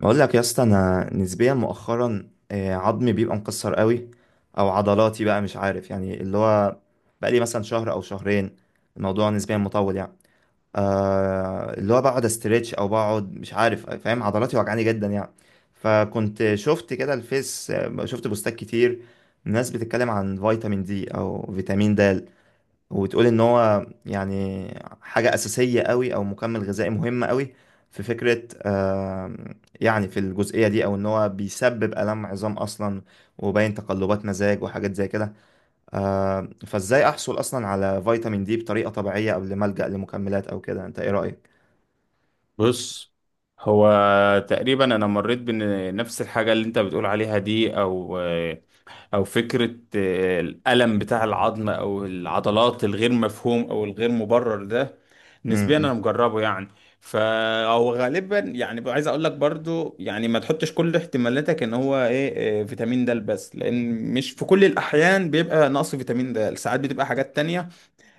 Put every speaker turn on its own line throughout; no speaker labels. بقول لك يا اسطى، انا نسبيا مؤخرا، عظمي بيبقى مكسر قوي، او عضلاتي بقى، مش عارف يعني، اللي هو بقى لي مثلا شهر او شهرين. الموضوع نسبيا مطول يعني. اللي هو بقعد استريتش او بقعد، مش عارف، فاهم، عضلاتي وجعاني جدا يعني. فكنت شفت كده الفيس، شفت بوستات كتير، ناس بتتكلم عن فيتامين دي او فيتامين د، وتقول ان هو يعني حاجة أساسية قوي، او مكمل غذائي مهم قوي. في فكرة، يعني في الجزئية دي، او ان هو بيسبب آلام عظام اصلا، وباين تقلبات مزاج وحاجات زي كده. فازاي احصل اصلا على فيتامين دي بطريقة طبيعية قبل ما ألجأ لمكملات او كده؟ انت ايه رأيك؟
بص، هو تقريبا انا مريت بنفس الحاجه اللي انت بتقول عليها دي، او فكره الالم بتاع العظم او العضلات الغير مفهوم او الغير مبرر ده. نسبيا انا
م-
مجربه يعني. فهو غالبا يعني عايز اقول لك برضو يعني ما تحطش كل احتمالاتك ان هو ايه إيه، فيتامين د، بس لان مش في كل الاحيان بيبقى نقص فيتامين د، ساعات بتبقى حاجات تانية.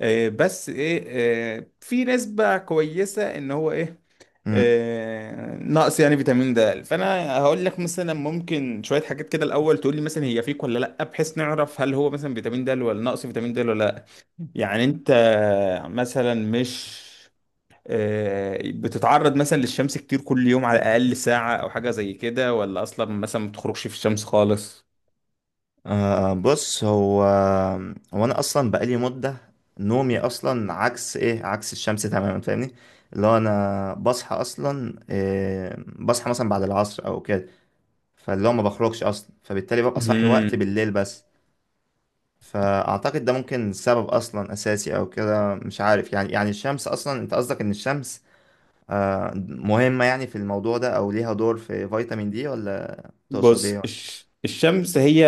إيه، بس ايه إيه، في نسبة كويسة ان هو ايه
م-
آه، نقص يعني فيتامين د. فانا هقول لك مثلا ممكن شويه حاجات كده الاول، تقول لي مثلا هي فيك ولا لا، بحيث نعرف هل هو مثلا فيتامين د ولا نقص فيتامين د ولا لا. يعني انت مثلا مش بتتعرض مثلا للشمس كتير كل يوم، على الاقل ساعه او حاجه زي كده، ولا اصلا مثلا ما بتخرجش في الشمس خالص؟
أه، بص، هو انا اصلا بقالي مده، نومي اصلا عكس، ايه، عكس الشمس تماما، فاهمني؟ اللي هو انا بصحى اصلا، إيه، بصحى مثلا بعد العصر او كده، فاللي هو ما بخرجش اصلا، فبالتالي ببقى صاحي وقت
مهم.
بالليل بس. فاعتقد ده ممكن سبب اصلا اساسي او كده، مش عارف يعني، الشمس اصلا، انت قصدك ان الشمس، أه، مهمه يعني في الموضوع ده، او ليها دور في فيتامين دي ولا؟ تقصد ايه
بص، الشمس هي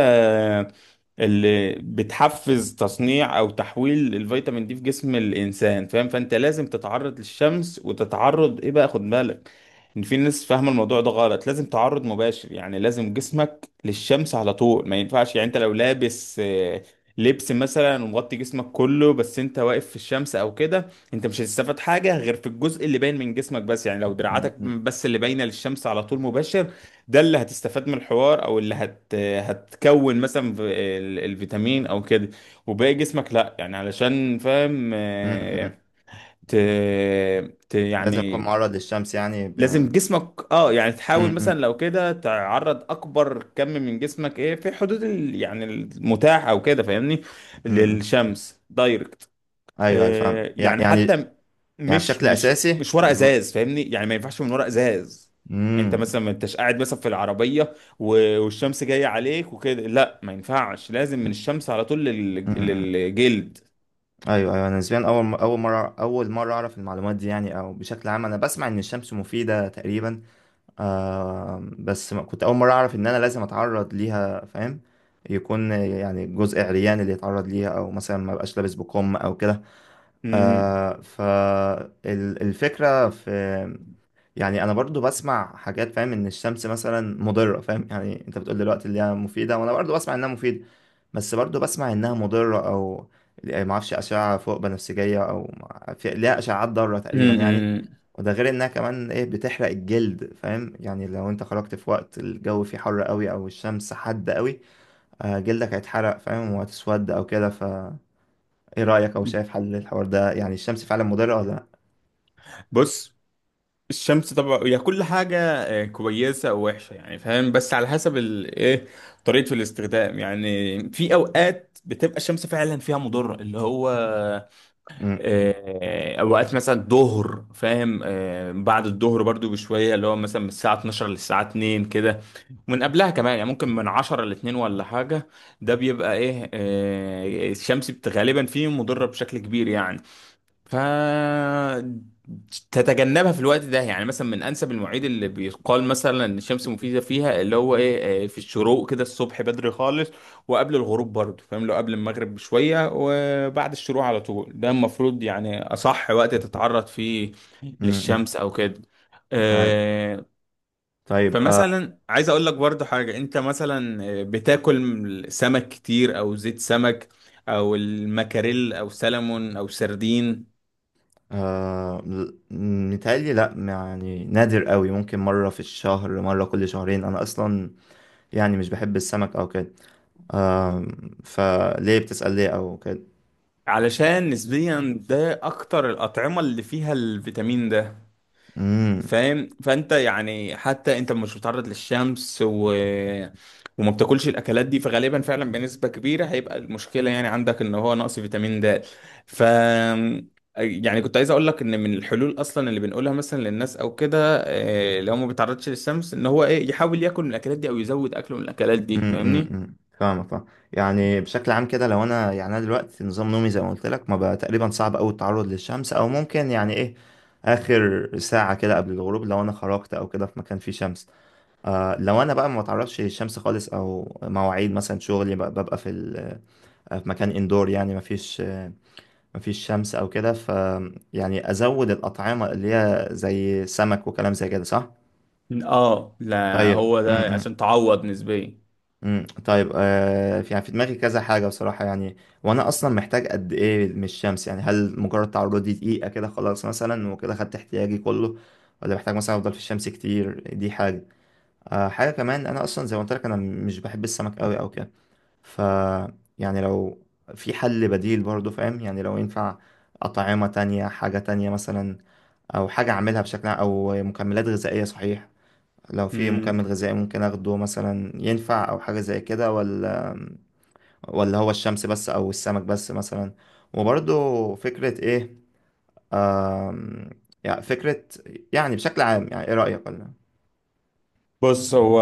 اللي بتحفز تصنيع او تحويل الفيتامين دي في جسم الانسان، فاهم؟ فانت لازم تتعرض للشمس وتتعرض ايه، بقى خد بالك ان في ناس فاهمه الموضوع ده غلط. لازم تعرض مباشر، يعني لازم جسمك للشمس على طول، ما ينفعش، يعني انت لو لابس لبس مثلا ومغطي جسمك كله بس انت واقف في الشمس او كده، انت مش هتستفاد حاجه غير في الجزء اللي باين من جسمك بس. يعني لو
م-
دراعاتك
م-
بس اللي باينه للشمس على طول مباشر، ده اللي هتستفاد من الحوار، او اللي هتكون مثلا في الفيتامين او كده، وباقي جسمك لا، يعني علشان فاهم.
م- م.
ت...
لازم اكون
يعني
معرض للشمس يعني؟
لازم جسمك، اه يعني تحاول مثلا
امم
لو كده تعرض اكبر كم من جسمك، ايه في حدود ال... يعني المتاح او كده، فاهمني؟
امم
للشمس دايركت.
ايوه، ايوه، فاهم، يع-
يعني
يعني
حتى
يعني
مش
بشكل
مش
اساسي.
مش ورق ازاز، فاهمني، يعني ما ينفعش من ورق ازاز. انت
امم
مثلا ما انتش قاعد مثلا في العربيه والشمس جايه عليك وكده، لا ما ينفعش، لازم من الشمس على طول
امم
للجلد.
ايوه، ايوه، انا نسبيا اول مره اعرف المعلومات دي يعني. او بشكل عام انا بسمع ان الشمس مفيده تقريبا، بس كنت اول مره اعرف ان انا لازم اتعرض ليها، فاهم؟ يكون يعني جزء عريان اللي يتعرض ليها، او مثلا ما بقاش لابس بكم او كده.
مم.
فالفكره في، يعني انا برضو بسمع حاجات، فاهم، ان الشمس مثلا مضره، فاهم؟ يعني انت بتقول دلوقتي اللي هي مفيده، وانا برضو بسمع انها مفيده، بس برضو بسمع انها مضره. او يعني ما اعرفش، اشعه فوق بنفسجيه، او في ليها اشعاعات ضاره تقريبا يعني.
امم.
وده غير انها كمان، ايه، بتحرق الجلد، فاهم؟ يعني لو انت خرجت في وقت الجو فيه حر قوي او الشمس حادة قوي، جلدك هيتحرق، فاهم، وهتسود او كده. ف ايه رايك، او شايف حل الحوار ده؟ يعني الشمس فعلا مضره ولا لا؟
بص، الشمس طبعا هي كل حاجة كويسة أو وحشة يعني فاهم، بس على حسب إيه طريقة الاستخدام. يعني في أوقات بتبقى الشمس فعلا فيها مضرة، اللي هو
م-
اوقات مثلا الظهر فاهم، بعد الظهر برضو بشويه، اللي هو مثلا من الساعه 12 للساعه 2 كده، من قبلها كمان يعني ممكن من 10 ل 2 ولا حاجه. ده بيبقى ايه، الشمس غالبا فيه مضره بشكل كبير يعني. ف تتجنبها في الوقت ده. يعني مثلا من انسب المواعيد اللي بيقال مثلا ان الشمس مفيده فيها، اللي هو ايه، في الشروق كده الصبح بدري خالص، وقبل الغروب برضه فاهم، لو قبل المغرب بشويه وبعد الشروق على طول، ده المفروض يعني اصح وقت تتعرض فيه
م- م.
للشمس او كده.
أيوة.
آه،
طيب،
فمثلا عايز اقول لك برضه حاجه، انت مثلا بتاكل سمك كتير او زيت سمك او المكاريل او سلمون او سردين؟
آه متهيألي لأ يعني، نادر قوي، ممكن مرة في الشهر، مرة كل شهرين. أنا أصلا يعني مش بحب السمك أو كده. فليه بتسأل، ليه أو كده؟
علشان نسبيا ده اكتر الاطعمه اللي فيها الفيتامين ده
امم
فاهم. فانت يعني حتى انت مش متعرض للشمس وما بتاكلش الاكلات دي، فغالبا فعلا بنسبه كبيره هيبقى المشكله يعني عندك ان هو نقص فيتامين د. ف يعني كنت عايز اقول لك ان من الحلول اصلا اللي بنقولها مثلا للناس او كده، لو ما بيتعرضش للشمس، ان هو ايه، يحاول ياكل من الاكلات دي او يزود اكله من الاكلات دي، فاهمني؟
فاهمك، فاهم. يعني بشكل عام كده، لو أنا، يعني أنا دلوقتي نظام نومي زي ما قلت لك، ما بقى تقريبا صعب أوي التعرض للشمس، أو ممكن يعني، إيه، آخر ساعة كده قبل الغروب، لو أنا خرجت أو كده في مكان فيه شمس. آه، لو أنا بقى ما بتعرضش للشمس خالص، أو مواعيد مثلا شغلي ببقى في، في مكان اندور، يعني مفيش، مفيش شمس او كده. ف يعني ازود الاطعمه اللي هي زي سمك وكلام زي كده، صح؟
اه لا،
طيب،
هو
م
ده
-م.
عشان تعوض نسبيا.
م. طيب، في يعني، في دماغي كذا حاجه بصراحه يعني. وانا اصلا محتاج قد ايه من الشمس يعني؟ هل مجرد تعرضي دقيقه كده، خلاص مثلا، وكده خدت احتياجي كله؟ ولا محتاج مثلا افضل في الشمس كتير؟ دي حاجه. حاجه كمان، انا اصلا زي ما قلت لك، انا مش بحب السمك قوي او كده. ف يعني لو في حل بديل برضه، فاهم يعني، لو ينفع أطعمة تانية، حاجة تانية مثلا، أو حاجة أعملها بشكل عام، أو مكملات غذائية، صحيح؟ لو في مكمل
مم.
غذائي ممكن أخده مثلا، ينفع أو حاجة زي كده، ولا هو الشمس بس أو السمك بس مثلا؟ وبرضه فكرة، إيه، آم، يعني فكرة، يعني بشكل عام، يعني إيه رأيك ولا؟
بص، هو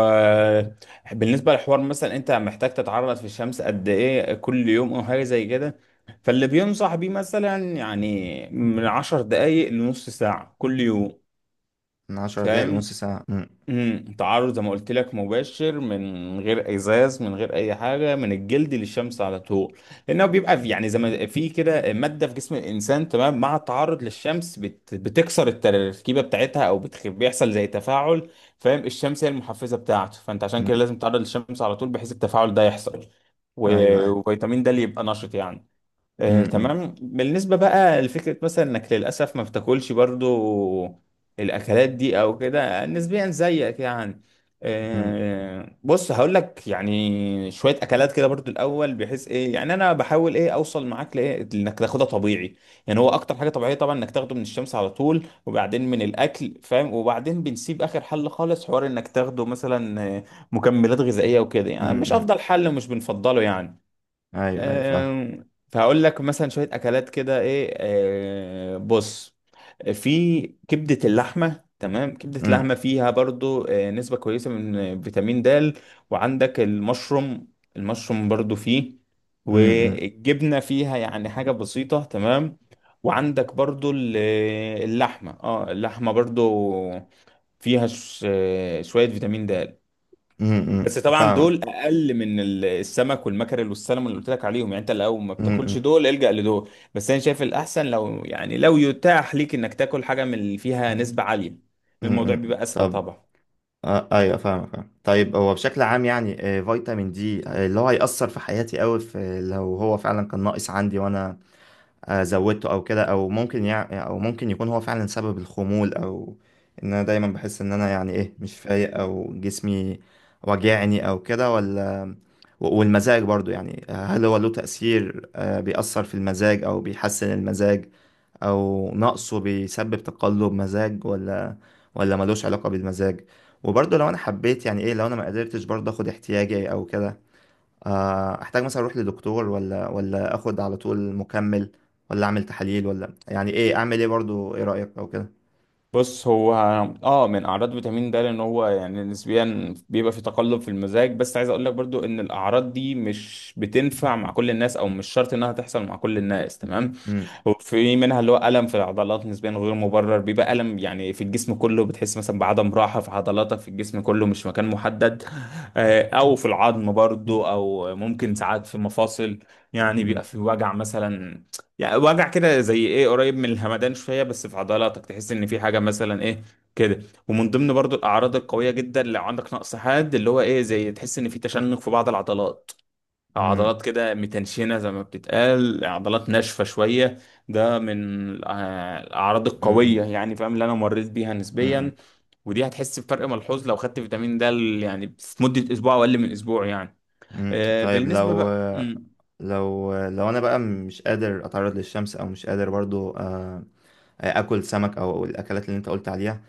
بالنسبة للحوار مثلا انت محتاج تتعرض في الشمس قد ايه كل يوم او حاجة زي كده، فاللي بينصح بيه مثلا يعني من 10 دقايق لنص ساعة كل يوم،
من 10 دقايق
فاهم؟
لنص ساعة.
امم، تعرض زي ما قلت لك مباشر، من غير ازاز، من غير اي حاجه، من الجلد للشمس على طول، لانه بيبقى في، يعني زي ما في كده ماده في جسم الانسان تمام، مع التعرض للشمس بتكسر التركيبه بتاعتها، او بيحصل زي تفاعل فاهم. الشمس هي المحفزه بتاعته، فانت عشان
م-
كده لازم تتعرض للشمس على طول بحيث التفاعل ده يحصل
أيوه، أيوه.
وفيتامين ده اللي يبقى نشط يعني.
م- م-
تمام، بالنسبة بقى لفكرة مثلا انك للأسف ما بتاكلش برضو الأكلات دي أو كده نسبيا زيك يعني.
م-
بص، هقول لك يعني شوية أكلات كده برضو الأول، بحيث إيه، يعني أنا بحاول إيه أوصل معاك لإيه، إنك تاخدها طبيعي. يعني هو أكتر حاجة طبيعية طبعا إنك تاخده من الشمس على طول، وبعدين من الأكل فاهم، وبعدين بنسيب آخر حل خالص حوار، إنك تاخده مثلا مكملات غذائية وكده،
م-
يعني مش
م-
أفضل حل ومش بنفضله يعني.
أيوه، أيوه، فاهم.
فهقول لك مثلا شوية أكلات كده إيه، بص، في كبدة اللحمة تمام، كبدة
م-
اللحمة فيها برضو نسبة كويسة من فيتامين د. وعندك المشروم، المشروم برضو فيه،
امم،
والجبنة فيها يعني حاجة بسيطة تمام. وعندك برضو اللحمة، اه اللحمة برضو فيها شوية فيتامين د. بس طبعا
فاهمة.
دول اقل من السمك والمكرل والسلمون اللي قلت لك عليهم. يعني انت لو ما بتاكلش
امم
دول الجأ لدول، بس انا شايف الاحسن لو يعني لو يتاح ليك انك تاكل حاجه من اللي فيها نسبه عاليه، الموضوع بيبقى اسهل
طب،
طبعا.
ايوه، فاهمة، فاهمة. طيب، هو بشكل عام يعني، فيتامين دي، اللي هو هيأثر في حياتي قوي، في لو هو فعلا كان ناقص عندي، وانا زودته او كده، او ممكن يعني، او ممكن يكون هو فعلا سبب الخمول، او ان انا دايما بحس ان انا يعني، ايه، مش فايق، او جسمي واجعني او كده ولا؟ والمزاج برضو يعني، هل هو له تأثير؟ بيأثر في المزاج او بيحسن المزاج، او نقصه بيسبب تقلب مزاج، ولا ملوش علاقة بالمزاج؟ وبرضه لو انا حبيت يعني، ايه، لو انا ما قدرتش برضه اخد احتياجي او كده، احتاج مثلا اروح لدكتور، ولا اخد على طول مكمل، ولا اعمل تحاليل، ولا يعني، ايه، اعمل ايه برضو؟ ايه رأيك او كده؟
بص، هو اه من اعراض فيتامين د لان هو يعني نسبيا بيبقى في تقلب في المزاج، بس عايز اقول لك برضو ان الاعراض دي مش بتنفع مع كل الناس، او مش شرط انها تحصل مع كل الناس تمام.
مم،
وفي منها اللي هو الم في العضلات نسبيا غير مبرر، بيبقى الم يعني في الجسم كله، بتحس مثلا بعدم راحه في عضلاتك في الجسم كله مش مكان محدد. او في العظم برضو، او ممكن ساعات في مفاصل، يعني بيبقى
مم،
في وجع مثلا. يعني وجع كده زي ايه، قريب من الهمدان شويه، بس في عضلاتك تحس ان في حاجه مثلا ايه كده. ومن ضمن برضو الاعراض القويه جدا لو عندك نقص حاد اللي هو ايه، زي تحس ان في تشنج في بعض العضلات، أو
مم،
عضلات كده متنشنه زي ما بتتقال عضلات ناشفه شويه. ده من الأع- الاعراض
مم،
القويه يعني فاهم، اللي انا مريت بيها نسبيا.
مم،
ودي هتحس بفرق ملحوظ لو خدت فيتامين د يعني في مده اسبوع او اقل من اسبوع يعني.
مم. طيب،
بالنسبه
لو
بقى،
انا بقى مش قادر اتعرض للشمس، او مش قادر برضو، اكل سمك او الاكلات اللي انت قلت عليها،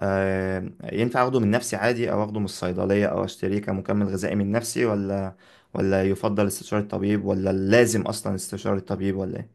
ينفع اخده من نفسي عادي، او اخده من الصيدلية، او اشتريه كمكمل غذائي من نفسي، ولا يفضل استشارة الطبيب، ولا لازم اصلا استشارة الطبيب ولا؟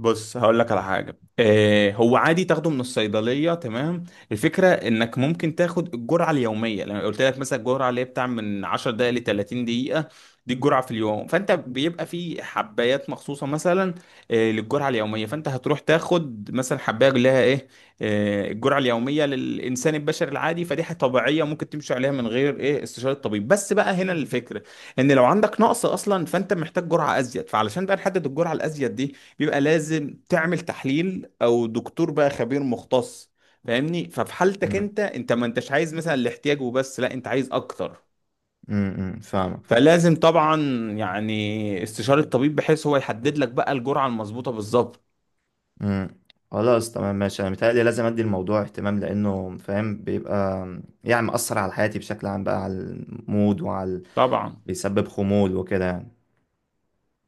بص هقول لك على حاجة. آه هو عادي تاخده من الصيدلية تمام. الفكرة انك ممكن تاخد الجرعة اليومية، لما قلت لك مثلا الجرعة اللي هي بتاع من 10 دقايق ل 30 دقيقة، دي الجرعة في اليوم. فانت بيبقى في حبايات مخصوصة مثلا آه للجرعة اليومية، فانت هتروح تاخد مثلا حباية اللي لها ايه، آه الجرعة اليومية للإنسان البشري العادي. فدي حاجة طبيعية ممكن تمشي عليها من غير ايه استشارة الطبيب. بس بقى هنا الفكرة، ان لو عندك نقص اصلا فانت محتاج جرعة ازيد، فعلشان بقى نحدد الجرعة الازيد بيبقى لازم تعمل تحليل، او دكتور بقى خبير مختص فاهمني. ففي حالتك
ايه.
انت، انت ما انتش عايز مثلا الاحتياج وبس لا، انت عايز اكتر،
فاهمك، فاهم.
فلازم طبعا يعني استشارة الطبيب بحيث هو يحدد لك بقى الجرعة المظبوطة بالظبط
امم. خلاص تمام ماشي. انا متهيألي لازم ادي الموضوع اهتمام، لانه فاهم بيبقى يعني مأثر على حياتي بشكل عام، بقى على المود، وعلى،
طبعا.
بيسبب خمول وكده يعني.